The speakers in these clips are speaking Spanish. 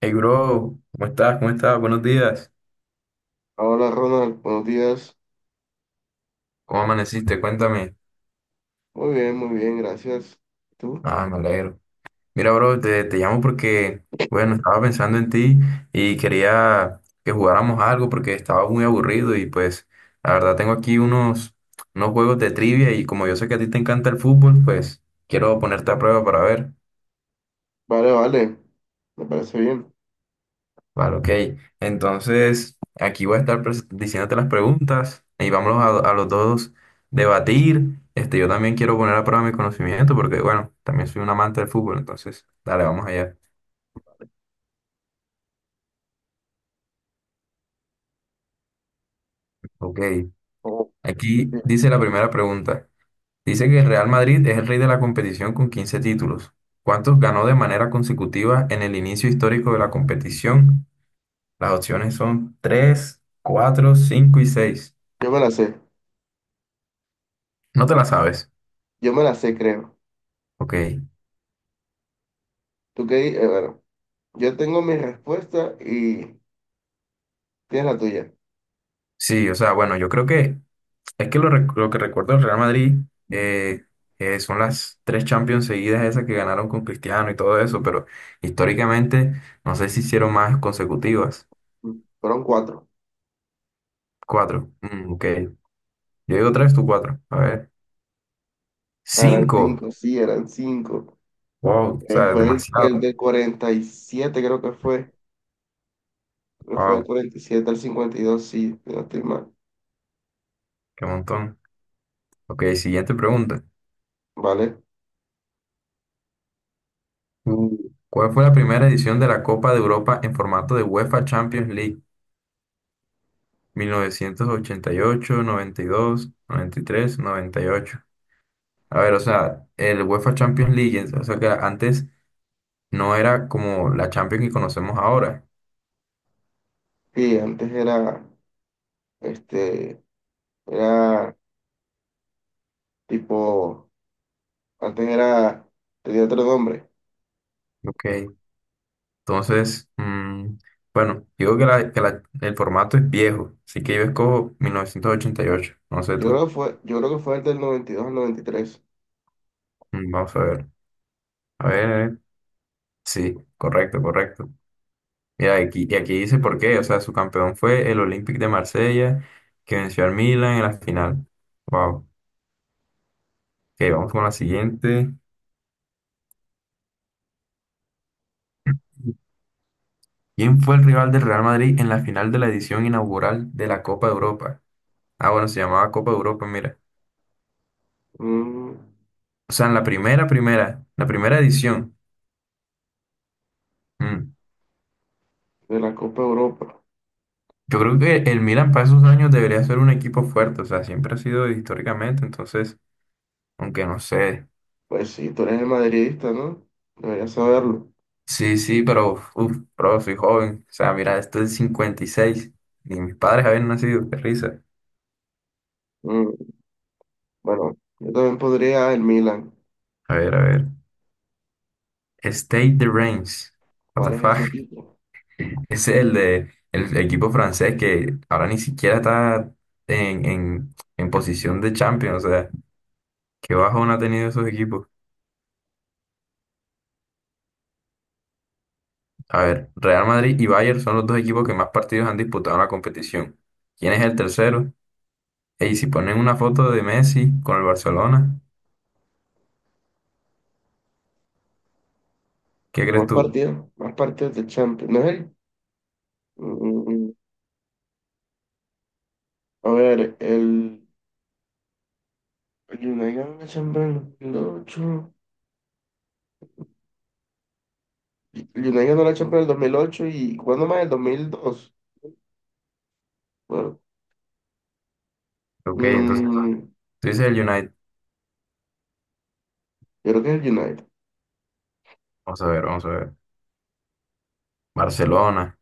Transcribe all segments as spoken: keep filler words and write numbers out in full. Hey, bro, ¿cómo estás? ¿Cómo estás? Buenos días. Hola Ronald, buenos días. ¿Cómo amaneciste? Cuéntame. Muy bien, muy bien, gracias. ¿Y tú? Ah, me alegro. Mira, bro, te, te llamo porque, bueno, estaba pensando en ti y quería que jugáramos algo porque estaba muy aburrido y pues, la verdad, tengo aquí unos, unos juegos de trivia y como yo sé que a ti te encanta el fútbol, pues quiero ponerte a prueba para ver. Vale, vale, me parece bien. Vale, ok. Entonces, aquí voy a estar pres- diciéndote las preguntas y vámonos a, a los dos debatir. Este, yo también quiero poner a prueba mi conocimiento porque, bueno, también soy un amante del fútbol, entonces, dale, vamos allá. Ok. Oh, sí. Aquí dice la primera pregunta. Dice que el Real Madrid es el rey de la competición con quince títulos. ¿Cuántos ganó de manera consecutiva en el inicio histórico de la competición? Las opciones son tres, cuatro, cinco y seis. Yo me la sé, No te la sabes. yo me la sé, creo. Ok. ¿Tú qué? di- eh, bueno, yo tengo mi respuesta y tienes la tuya. Sí, o sea, bueno, yo creo que es que lo, rec- lo que recuerdo del Real Madrid eh, eh, son las tres Champions seguidas esas que ganaron con Cristiano y todo eso, pero históricamente no sé si hicieron más consecutivas. Mm. Fueron cuatro. Cuatro, mm, ok. Yo digo tres, tú cuatro. A ver. Ah, eran Cinco. cinco, sí, eran cinco. Wow, o Eh, sea, fue del, del, demasiado. del cuarenta y siete, creo que fue. Creo que fue del Wow, cuarenta y siete al cincuenta y dos, sí, si no estoy mal. qué montón. Ok, siguiente pregunta. Vale. Mm. ¿Cuál fue la primera edición de la Copa de Europa en formato de UEFA Champions League? Mil novecientos ochenta y y y ocho, noventa, noventa dos, noventa y tres, noventa y ocho. A ver, o sea, el UEFA Champions League, o sea que antes no era como la Champions que conocemos ahora. Sí, antes era, este, era tipo. Antes era, tenía otro nombre. Ok. Entonces, mm, bueno, digo que, la- que la- el formato es viejo, así que yo escojo mil novecientos ochenta y ocho. No sé Yo creo tú. que fue, yo creo que fue el del noventa y dos al noventa y tres. Mm, Vamos a ver. A ver, sí, correcto, correcto. Mira, aquí, y aquí dice por qué. O sea, su campeón fue el Olympique de Marsella, que venció al Milan en la final. Wow. Ok, vamos con la siguiente. ¿Quién fue el rival del Real Madrid en la final de la edición inaugural de la Copa de Europa? Ah, bueno, se llamaba Copa de Europa, mira. Mm, O sea, en la primera, primera, la primera edición. Mm. de la Copa Europa. Yo creo que el Milan para esos años debería ser un equipo fuerte, o sea, siempre ha sido históricamente, entonces, aunque no sé. Pues sí, tú eres el madridista, ¿no? Deberías saberlo. Sí, sí, pero, uf, uf, bro, soy joven. O sea, mira, esto es cincuenta y seis. Ni mis padres habían nacido, qué risa. Mm, bueno, yo también podría el Milan. A ver, a ver. State the Reigns. What the ¿Cuál es ese fuck? equipo? Es el de el equipo francés que ahora ni siquiera está en, en, en posición de Champions. O sea, qué bajón ha tenido esos equipos. A ver, Real Madrid y Bayern son los dos equipos que más partidos han disputado en la competición. ¿Quién es el tercero? Y si ponen una foto de Messi con el Barcelona, ¿qué crees Más tú? partidos, más partidos de Champions. ¿No es él? Mm, mm, mm. A ver, el, el United ganó la Champions en el dos mil ocho. El United ganó la Champions en el dos mil ocho. ¿Y cuándo más? El dos mil dos. Bueno, Ok, entonces mm, tú dices el United. yo creo que es el United. Vamos a ver, vamos a ver. Barcelona,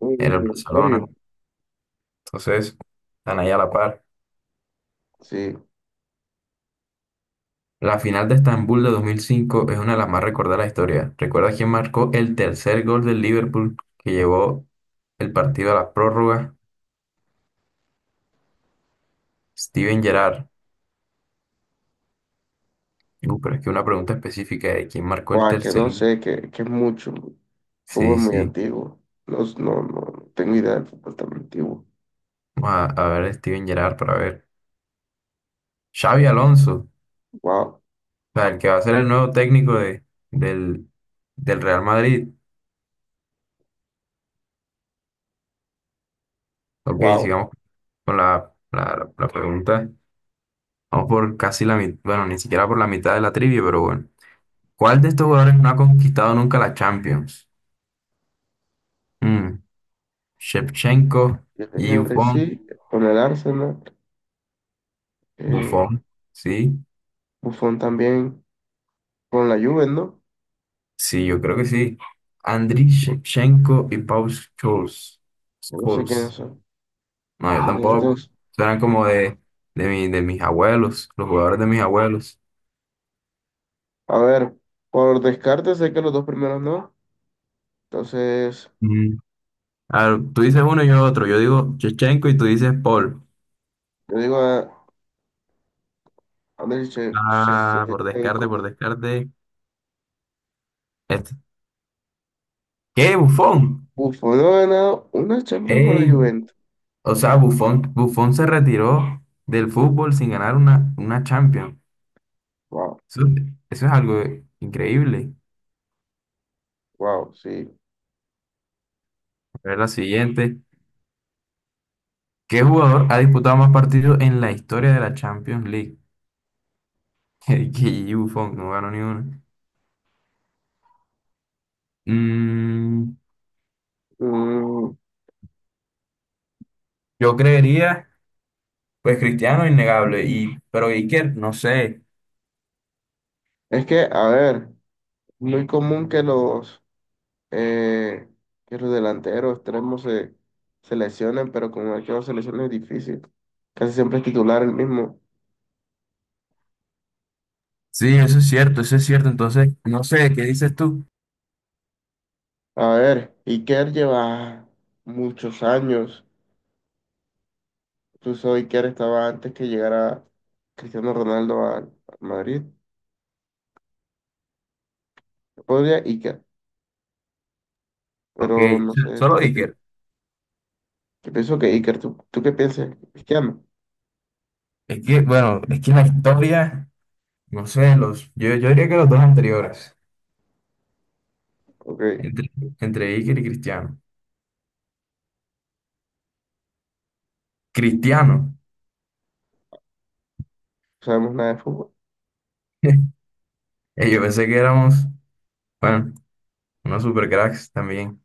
Uy, era el ¿en Barcelona. serio? Entonces, están ahí a la par. Sí. La final de Estambul de dos mil cinco es una de las más recordadas de la historia. ¿Recuerda quién marcó el tercer gol del Liverpool que llevó el partido a la prórroga? Steven Gerrard. Uh, pero es que una pregunta específica de quién marcó el Buah, que tercer. no sé, que, que es mucho. Fútbol Sí, muy sí. antiguo. No, no, no tengo idea del fútbol tan antiguo. Vamos a, a ver Steven Gerrard para ver. Xavi Alonso, Wow, o sea, el que va a ser el nuevo técnico de, del, del Real Madrid. Ok, wow. sigamos con la, la, la pregunta. Vamos por casi la mitad, bueno, ni siquiera por la mitad de la trivia, pero bueno. ¿Cuál de estos jugadores no ha conquistado nunca la Champions? Mm, Shevchenko, y Henry Buffon, sí, con el Arsenal. Eh, Buffon, sí, Buffon también con la Juve, ¿no? sí, yo creo que sí. Andriy Shevchenko y Paul Scholes. No sé quiénes Scholes. son. No, yo Eh, tampoco. dos. Suenan como de, de, mi- de mis abuelos, los jugadores de mis abuelos. A ver, por descarte sé que los dos primeros no. Entonces, Mm. A ver, tú dices uno y yo otro. Yo digo Shevchenko y tú dices Paul. yo digo a Andriy Che- Che- Ah, por descarte, Shevchenko. por descarte. Este. ¿Qué, Buffon? Buffon no ha ganado una Champions con la ¡Ey! Juventus. O sea, Buffon, Buffon se retiró del fútbol sin ganar una, una Champions. Wow, Eso, eso es algo increíble. wow, sí. A ver la siguiente. ¿Qué jugador ha disputado más partidos en la historia de la Champions League? Que Buffon no ganó ni uno. Mm, Mm, yo creería, pues Cristiano, innegable. Y, pero Iker, no sé. es que, a ver, muy común que los, eh, que los delanteros extremos se, se lesionen, pero como el que no se lesiona es difícil. Casi siempre es titular el mismo. Sí, eso es cierto, eso es cierto. Entonces, no sé, ¿qué dices tú? A ver, Iker lleva muchos años. Incluso Iker estaba antes que llegara Cristiano Ronaldo a, a Madrid. Podría Iker, Ok, pero no sé, ¿tú solo qué piensas? Iker. Yo pienso que Iker, ¿tú, tú qué piensas? Cristiano, Es que, bueno, es que la historia. No sé, los, yo, yo diría que los dos anteriores, ok, no entre, entre Iker y Cristiano. Cristiano. sabemos nada de fútbol. Eh, Yo pensé que éramos, bueno, unos supercracks también.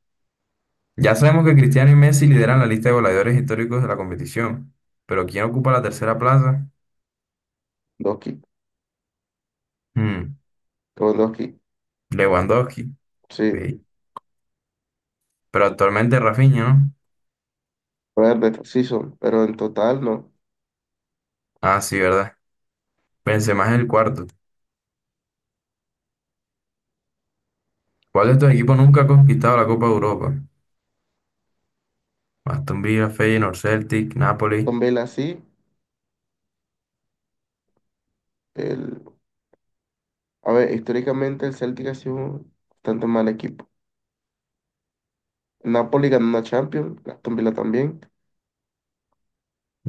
Ya sabemos que Cristiano y Messi lideran la lista de goleadores históricos de la competición, pero ¿quién ocupa la tercera plaza? Doki, Hmm, Lewandowski, Lewandowski, sí. sí. Pero actualmente Rafinha, ¿no? Poder sí son, pero en total no. Ah, sí, ¿verdad? Benzema es el cuarto. ¿Cuál de estos equipos nunca ha conquistado la Copa de Europa? Aston Villa, Feyenoord, Celtic, Napoli Son Villa sí. El, a ver, históricamente el Celtic ha sido un bastante mal equipo. El Napoli ganó una Champions, Aston Villa también.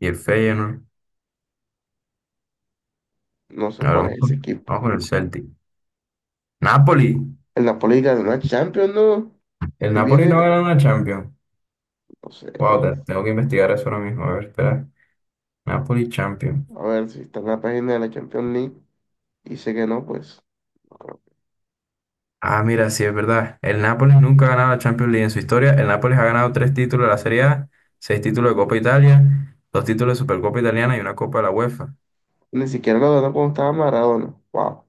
y el Feyenoord. No sé Ahora cuál es vamos ese con, vamos equipo. con el Celtic. Napoli. El Napoli ganó una Champions, ¿no? El Estoy Napoli viene, no gana una Champions. no sé, Wow, bro. te- tengo que investigar eso ahora mismo. A ver, espera. Napoli Champions. A ver si está en la página de la Champions League y sé que no, pues. No creo. Ah, mira, sí, es verdad. El Napoli nunca ha ganado la Champions League en su historia. El Napoli ha ganado tres títulos de la Serie A, seis títulos de Copa Italia, dos títulos de Supercopa Italiana y una Copa de la UEFA. Ni siquiera lo ganó cuando estaba Maradona. Wow.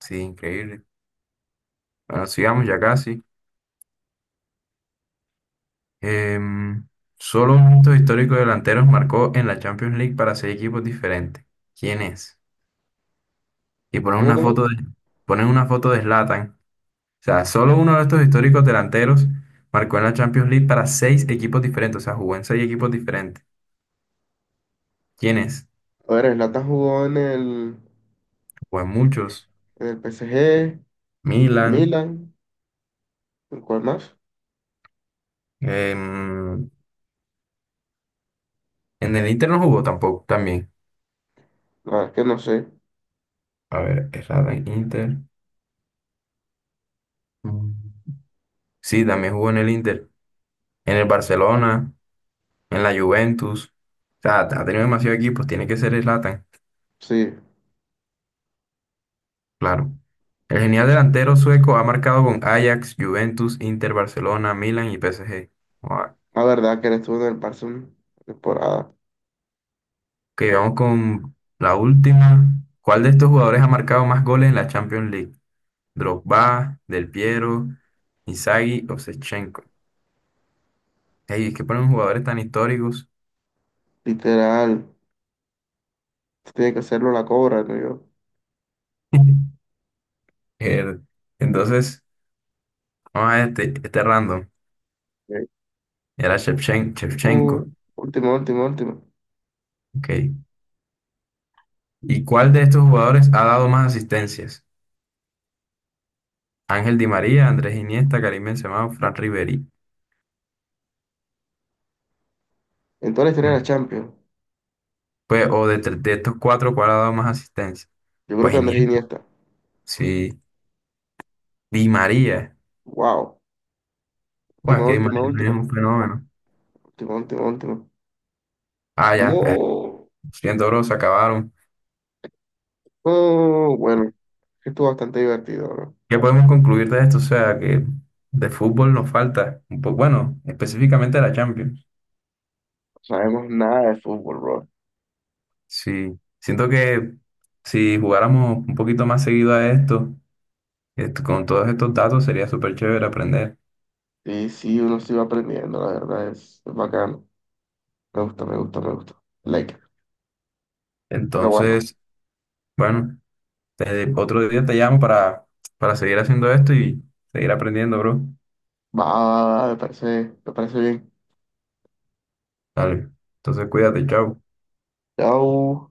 Sí, increíble. Bueno, sigamos ya casi. Em, solo un hito histórico de delanteros marcó en la Champions League para seis equipos diferentes. ¿Quién es? Y ponen ¿Cómo, una cómo? foto de, ponen una foto de Zlatan. O sea, solo uno de estos históricos delanteros marcó en la Champions League para seis equipos diferentes. O sea, jugó en seis equipos diferentes. ¿Quiénes? A ver, Zlatan jugó en el, Jugó en muchos. en el P S G, el Milan. Milan, ¿en ¿cuál más? em, en el Inter no jugó tampoco, también. La verdad es que no sé. A ver, errada en Inter. Mm. Sí, también jugó en el Inter. En el Barcelona, en la Juventus. O sea, ha tenido demasiados equipos. Tiene que ser Zlatan, Sí, claro. El genial delantero sueco ha marcado con Ajax, Juventus, Inter, Barcelona, Milan y P S G. la verdad que él estuvo en el Barça una temporada. Ok, vamos con la última. ¿Cuál de estos jugadores ha marcado más goles en la Champions League? Drogba, Del Piero, Inzaghi o Shevchenko. Ey, es que ponen jugadores tan históricos. Literal, tiene que hacerlo la cobra, ¿no? Yo, El- entonces, vamos a este, este random. eh, Era Shevchen- Shevchenko. no, último, último, último. Ok. ¿Y cuál de estos jugadores ha dado más asistencias? Ángel Di María, Andrés Iniesta, Karim Benzema o Fran Riveri. En toda la historia de Mm. la Champions, Pues, o de, tre- de estos cuatro, ¿cuál ha dado más asistencias? yo creo Pues que Andrés Iniesta, Iniesta. sí. Di María. Wow, Bueno, última, que última, imagínate, es última, un fenómeno. última, última, última. Ah, ya, ya. No, Lo siento, bro, se acabaron. no, bueno, estuvo bastante divertido, bro. No ¿Qué podemos concluir de esto? O sea, que de fútbol nos falta. un po- Bueno, específicamente la Champions. sabemos nada de fútbol, bro. Sí. Siento que si jugáramos un poquito más seguido a esto, esto- con todos estos datos sería súper chévere aprender. Y sí, uno se va aprendiendo, la verdad, es, es bacano. Me gusta, me gusta, me gusta. Like, pero bueno, Entonces, bueno, te- otro día te llamo para, para, seguir haciendo esto y seguir aprendiendo, bro. va, va, va, me parece, me parece bien. Dale. Entonces, cuídate, chao. Chao.